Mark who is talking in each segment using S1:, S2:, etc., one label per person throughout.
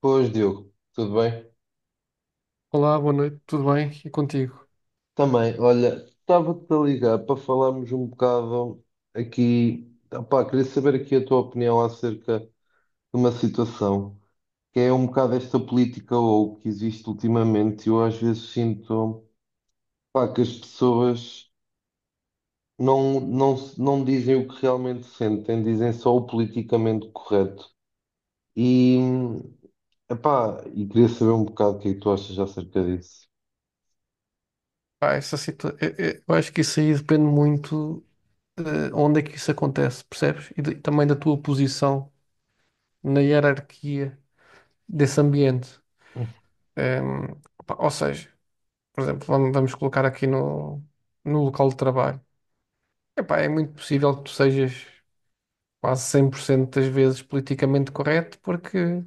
S1: Pois, Diogo, tudo bem?
S2: Olá, boa noite, tudo bem? E contigo?
S1: Também, olha, estava-te a ligar para falarmos um bocado aqui. Opá, queria saber aqui a tua opinião acerca de uma situação que é um bocado esta política ou que existe ultimamente. Eu às vezes sinto, pá, que as pessoas não dizem o que realmente sentem, dizem só o politicamente correto. E, e queria saber um bocado o que é que tu achas acerca disso.
S2: Pá, eu acho que isso aí depende muito de onde é que isso acontece, percebes? E, também da tua posição na hierarquia desse ambiente. Ehm, pá, ou seja, por exemplo, vamos colocar aqui no local de trabalho. Epá, é muito possível que tu sejas quase 100% das vezes politicamente correto, porque,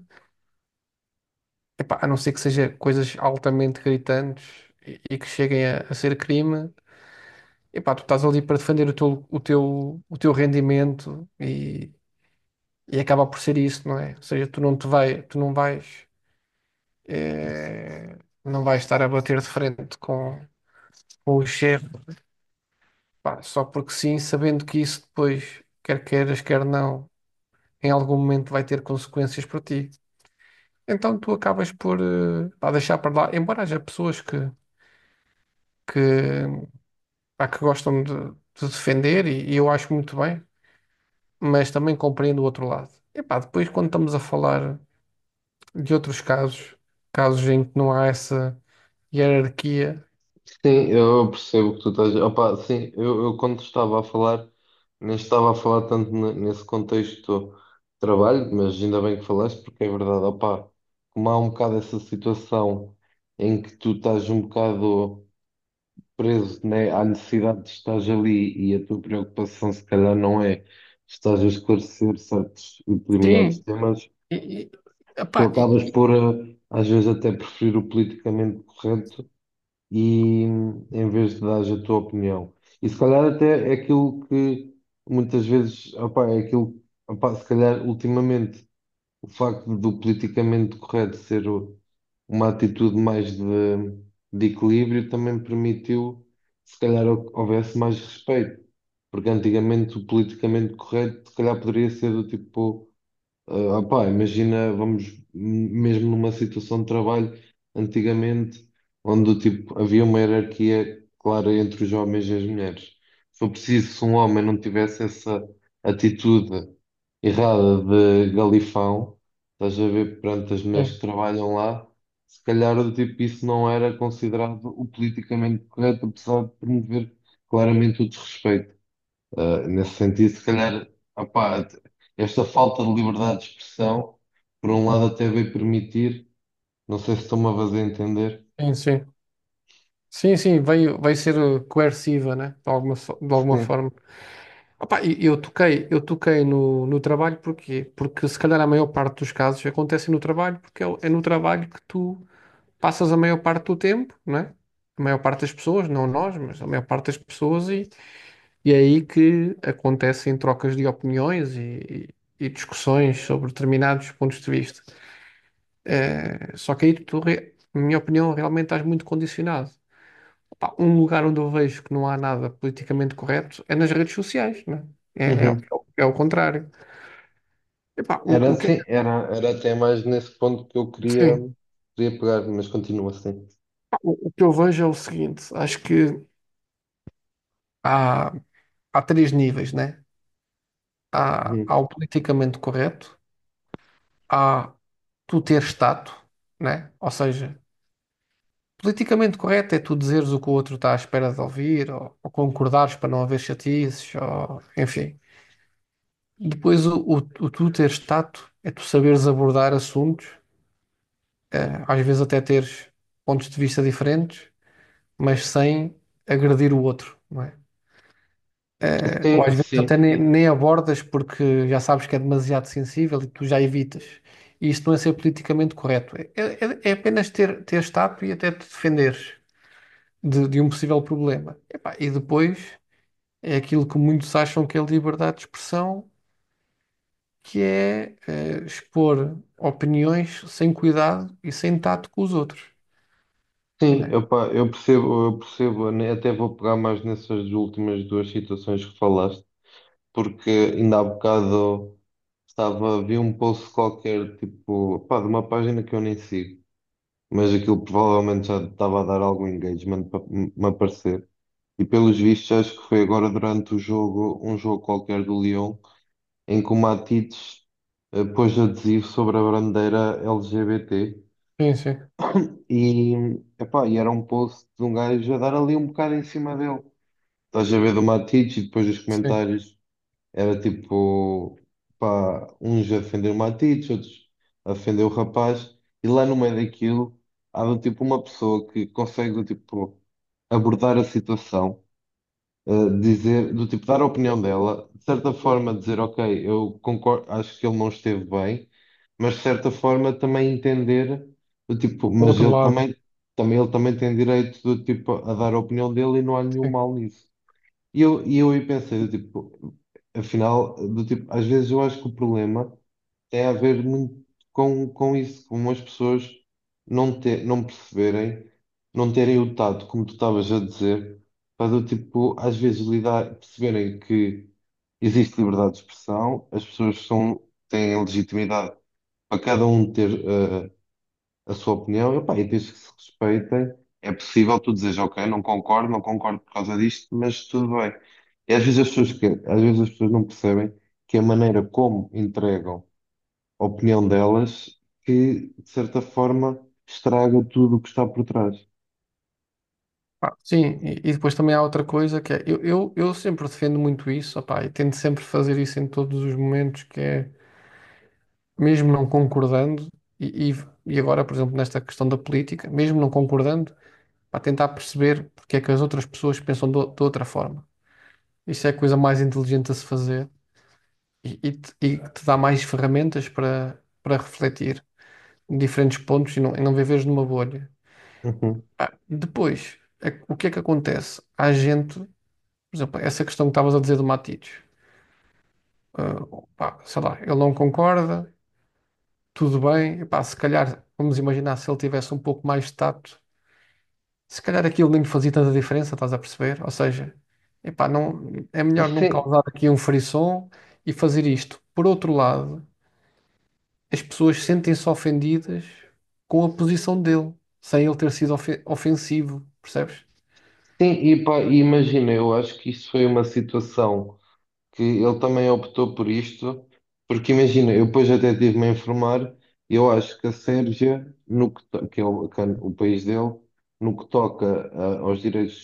S2: epá, a não ser que seja coisas altamente gritantes e que cheguem a ser crime. Epá, tu estás ali para defender o teu rendimento e acaba por ser isso, não é? Ou seja, tu não te vai, tu não vais, eh, não vais estar a bater de frente com o chefe, pá, só porque sim, sabendo que isso depois, quer queiras, quer não, em algum momento vai ter consequências para ti. Então tu acabas por, pá, deixar para lá, embora haja pessoas que, que gostam de defender e eu acho muito bem. Mas também compreendo o outro lado. E pá, depois quando estamos a falar de outros casos, casos em que não há essa hierarquia.
S1: Sim, eu percebo o que tu estás. Opa, sim, eu quando estava a falar, nem estava a falar tanto nesse contexto de trabalho, mas ainda bem que falaste, porque é verdade, opa, como há um bocado essa situação em que tu estás um bocado preso, né, à necessidade de estar ali e a tua preocupação se calhar não é estás a esclarecer certos e determinados
S2: Sim,
S1: temas,
S2: e, e,
S1: tu
S2: epá, e-
S1: acabas por, às vezes, até preferir o politicamente correto e em vez de dar a tua opinião. E se calhar até é aquilo que muitas vezes, opá, é aquilo, opá, se calhar ultimamente o facto do politicamente correto uma atitude mais de equilíbrio também permitiu, se calhar, houvesse mais respeito. Porque antigamente o politicamente correto, se calhar, poderia ser do tipo. Ah, opá, imagina, vamos mesmo numa situação de trabalho antigamente, onde tipo, havia uma hierarquia clara entre os homens e as mulheres. Se for preciso, se um homem não tivesse essa atitude errada de galifão, estás a ver perante as mulheres que
S2: sim,
S1: trabalham lá, se calhar do tipo, isso não era considerado o politicamente correto, apesar de promover claramente o desrespeito. Nesse sentido, se calhar, opá, esta falta de liberdade de expressão, por um lado, até veio permitir, não sei se estou-me a fazer entender.
S2: sim, sim, sim, sim, vai ser coerciva, né? De alguma
S1: Sim.
S2: forma. Opá, e eu toquei no trabalho porquê? Porque se calhar a maior parte dos casos acontecem no trabalho, porque é no trabalho que tu passas a maior parte do tempo, né? A maior parte das pessoas, não nós, mas a maior parte das pessoas E é aí que acontecem trocas de opiniões e discussões sobre determinados pontos de vista. Só que aí tu, na minha opinião, realmente estás muito condicionado. Pá, um lugar onde eu vejo que não há nada politicamente correto é nas redes sociais, né? É, é, é
S1: Uhum.
S2: é o é o contrário. Epá,
S1: Era
S2: o que, é
S1: assim,
S2: que-
S1: era até mais nesse ponto que eu queria,
S2: sim,
S1: queria pegar, mas continua assim.
S2: pá, o que eu vejo é o seguinte: acho que há, há três níveis, né? Há
S1: Uhum.
S2: o politicamente correto, há tu ter status, né? Ou seja, politicamente correto é tu dizeres o que o outro está à espera de ouvir, ou concordares para não haver chatices, ou, enfim. Depois, o tu teres tato é tu saberes abordar assuntos, né? Às vezes até teres pontos de vista diferentes, mas sem agredir o outro, não é? Ou às
S1: Sim,
S2: vezes
S1: sim,
S2: até nem abordas porque já sabes que é demasiado sensível e tu já evitas. E isto não é ser politicamente correto. É apenas teres tato e até te defenderes de um possível problema. Epá, e depois é aquilo que muitos acham que é liberdade de expressão, que é, expor opiniões sem cuidado e sem tato com os outros, não
S1: sim.
S2: é?
S1: Opá, eu percebo, né, até vou pegar mais nessas últimas duas situações que falaste, porque ainda há bocado estava, vi um post qualquer, tipo, pá, de uma página que eu nem sigo mas aquilo provavelmente já estava a dar algum engagement para me aparecer. E pelos vistos, acho que foi agora durante o jogo, um jogo qualquer do Lyon, em que o Matites pôs adesivo sobre a bandeira LGBT.
S2: Sim, sim,
S1: E, e era um post de um gajo a dar ali um bocado em cima dele. Estás a ver do Matites e depois os
S2: sim.
S1: comentários. Era tipo, pá, uns a ofender o Matites, outros a ofender o rapaz, e lá no meio daquilo há do tipo uma pessoa que consegue do tipo abordar a situação, eh, dizer, do tipo dar a opinião dela, de certa forma dizer, ok, eu concordo, acho que ele não esteve bem, mas de certa forma também entender do tipo,
S2: O
S1: mas
S2: outro
S1: ele
S2: lado,
S1: também, também ele também tem direito do tipo a dar a opinião dele e não há nenhum
S2: sim.
S1: mal nisso. E eu aí pensei, do tipo, afinal, do tipo, às vezes eu acho que o problema tem a ver muito com isso, com as pessoas não, ter, não perceberem, não terem o tato, como tu estavas a dizer, para do tipo, às vezes lidar, perceberem que existe liberdade de expressão, as pessoas são, têm legitimidade para cada um ter a sua opinião, epá, e diz que se respeitem. É possível tu dizeres, ok, não concordo, não concordo por causa disto, mas tudo bem. E às vezes as pessoas, que, às vezes as pessoas não percebem que a maneira como entregam a opinião delas, que de certa forma estraga tudo o que está por trás.
S2: Pá, sim, e depois também há outra coisa que é, eu sempre defendo muito isso, opá, e tento sempre fazer isso em todos os momentos, que é, mesmo não concordando, e, e, e agora, por exemplo, nesta questão da política, mesmo não concordando, para tentar perceber porque é que as outras pessoas pensam de outra forma. Isso é a coisa mais inteligente a se fazer e que te dá mais ferramentas para refletir em diferentes pontos e não viveres numa bolha.
S1: Uhum.
S2: Pá, depois, o que é que acontece? Há gente, por exemplo, essa questão que estavas a dizer do Matites, ah, pá, sei lá, ele não concorda, tudo bem, pá se calhar, vamos imaginar se ele tivesse um pouco mais de tato, se calhar aquilo nem lhe fazia tanta diferença, estás a perceber? Ou seja, epá, não, é melhor não
S1: Sim,
S2: causar aqui um frisson e fazer isto. Por outro lado, as pessoas sentem-se ofendidas com a posição dele, sem ele ter sido ofensivo, percebes?
S1: sim, e pá, e imagina, eu acho que isso foi uma situação. Que ele também optou por isto, porque imagina, eu depois até estive-me a informar, eu acho que a Sérvia, no que, que é o país dele, no que toca aos direitos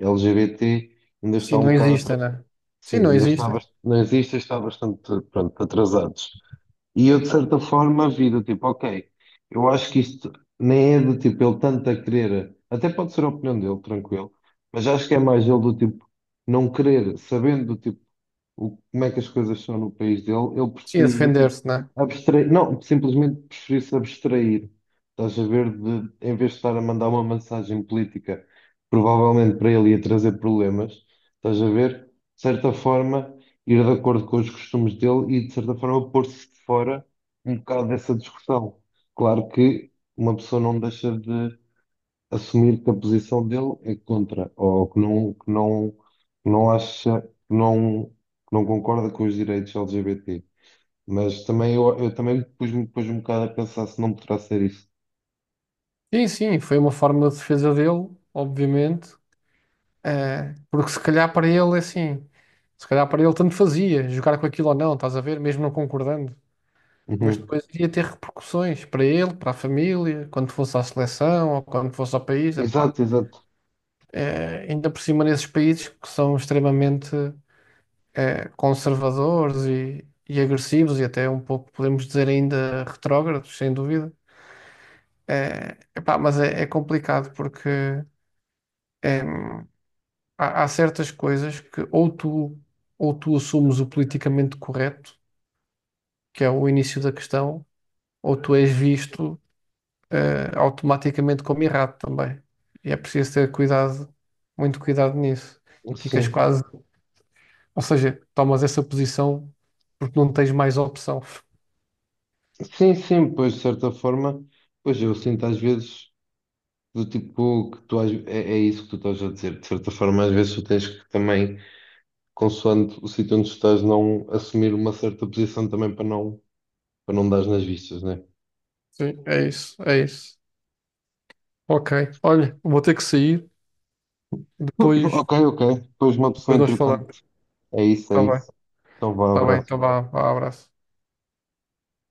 S1: LGBT, ainda
S2: Sim,
S1: está um
S2: não
S1: bocado
S2: existe,
S1: atrasado.
S2: né?
S1: Sim,
S2: Sim, não
S1: ainda está
S2: existe.
S1: nas listas está bastante, pronto, atrasados. E eu, de certa forma, vi do tipo, ok, eu acho que isto nem é do tipo ele tanto a querer, até pode ser a opinião dele, tranquilo, mas acho que é mais ele do tipo não querer, sabendo do tipo o, como é que as coisas são no país dele, ele
S2: Sim, a
S1: preferir do tipo
S2: defender-se, né?
S1: abstrair, não, simplesmente preferir-se abstrair. Estás a ver, de, em vez de estar a mandar uma mensagem política, provavelmente para ele ia trazer problemas, estás a ver, de certa forma, ir de acordo com os costumes dele e, de certa forma, pôr-se de fora um bocado dessa discussão. Claro que uma pessoa não deixa de assumir que a posição dele é contra, ou que não, que não, que não acha, que não concorda com os direitos LGBT. Mas também eu também pus-me pus um bocado a pensar se não poderá ser isso.
S2: Sim, sim, foi uma forma de defesa dele, obviamente, porque se calhar para ele é assim, se calhar para ele tanto fazia jogar com aquilo ou não, estás a ver, mesmo não concordando. Mas
S1: Uhum.
S2: depois iria ter repercussões para ele, para a família, quando fosse à seleção ou quando fosse ao país. Epá.
S1: Exato, exato.
S2: Ainda por cima nesses países que são extremamente conservadores e agressivos e até um pouco, podemos dizer, ainda retrógrados, sem dúvida. É, epá, mas é complicado porque em, há certas coisas que ou tu assumes o politicamente correto, que é o início da questão, ou tu és visto automaticamente como errado também. E é preciso ter cuidado, muito cuidado nisso. Ficas
S1: Sim.
S2: quase, ou seja, tomas essa posição porque não tens mais opção.
S1: Sim, sim, pois de certa forma, pois eu sinto às vezes do tipo que tu é, é isso que tu estás a dizer. De certa forma, às vezes tu tens que também, consoante o sítio onde tu estás, não assumir uma certa posição também para não dar nas vistas, né?
S2: Sim, é isso, é isso. Ok. Olha, vou ter que sair. Depois,
S1: Ok, ok. Depois uma pessoa,
S2: depois nós
S1: entretanto.
S2: falamos.
S1: É isso,
S2: Está
S1: é
S2: bem.
S1: isso. Então vá,
S2: Está bem. Então
S1: abraço.
S2: vá. Vá, abraço.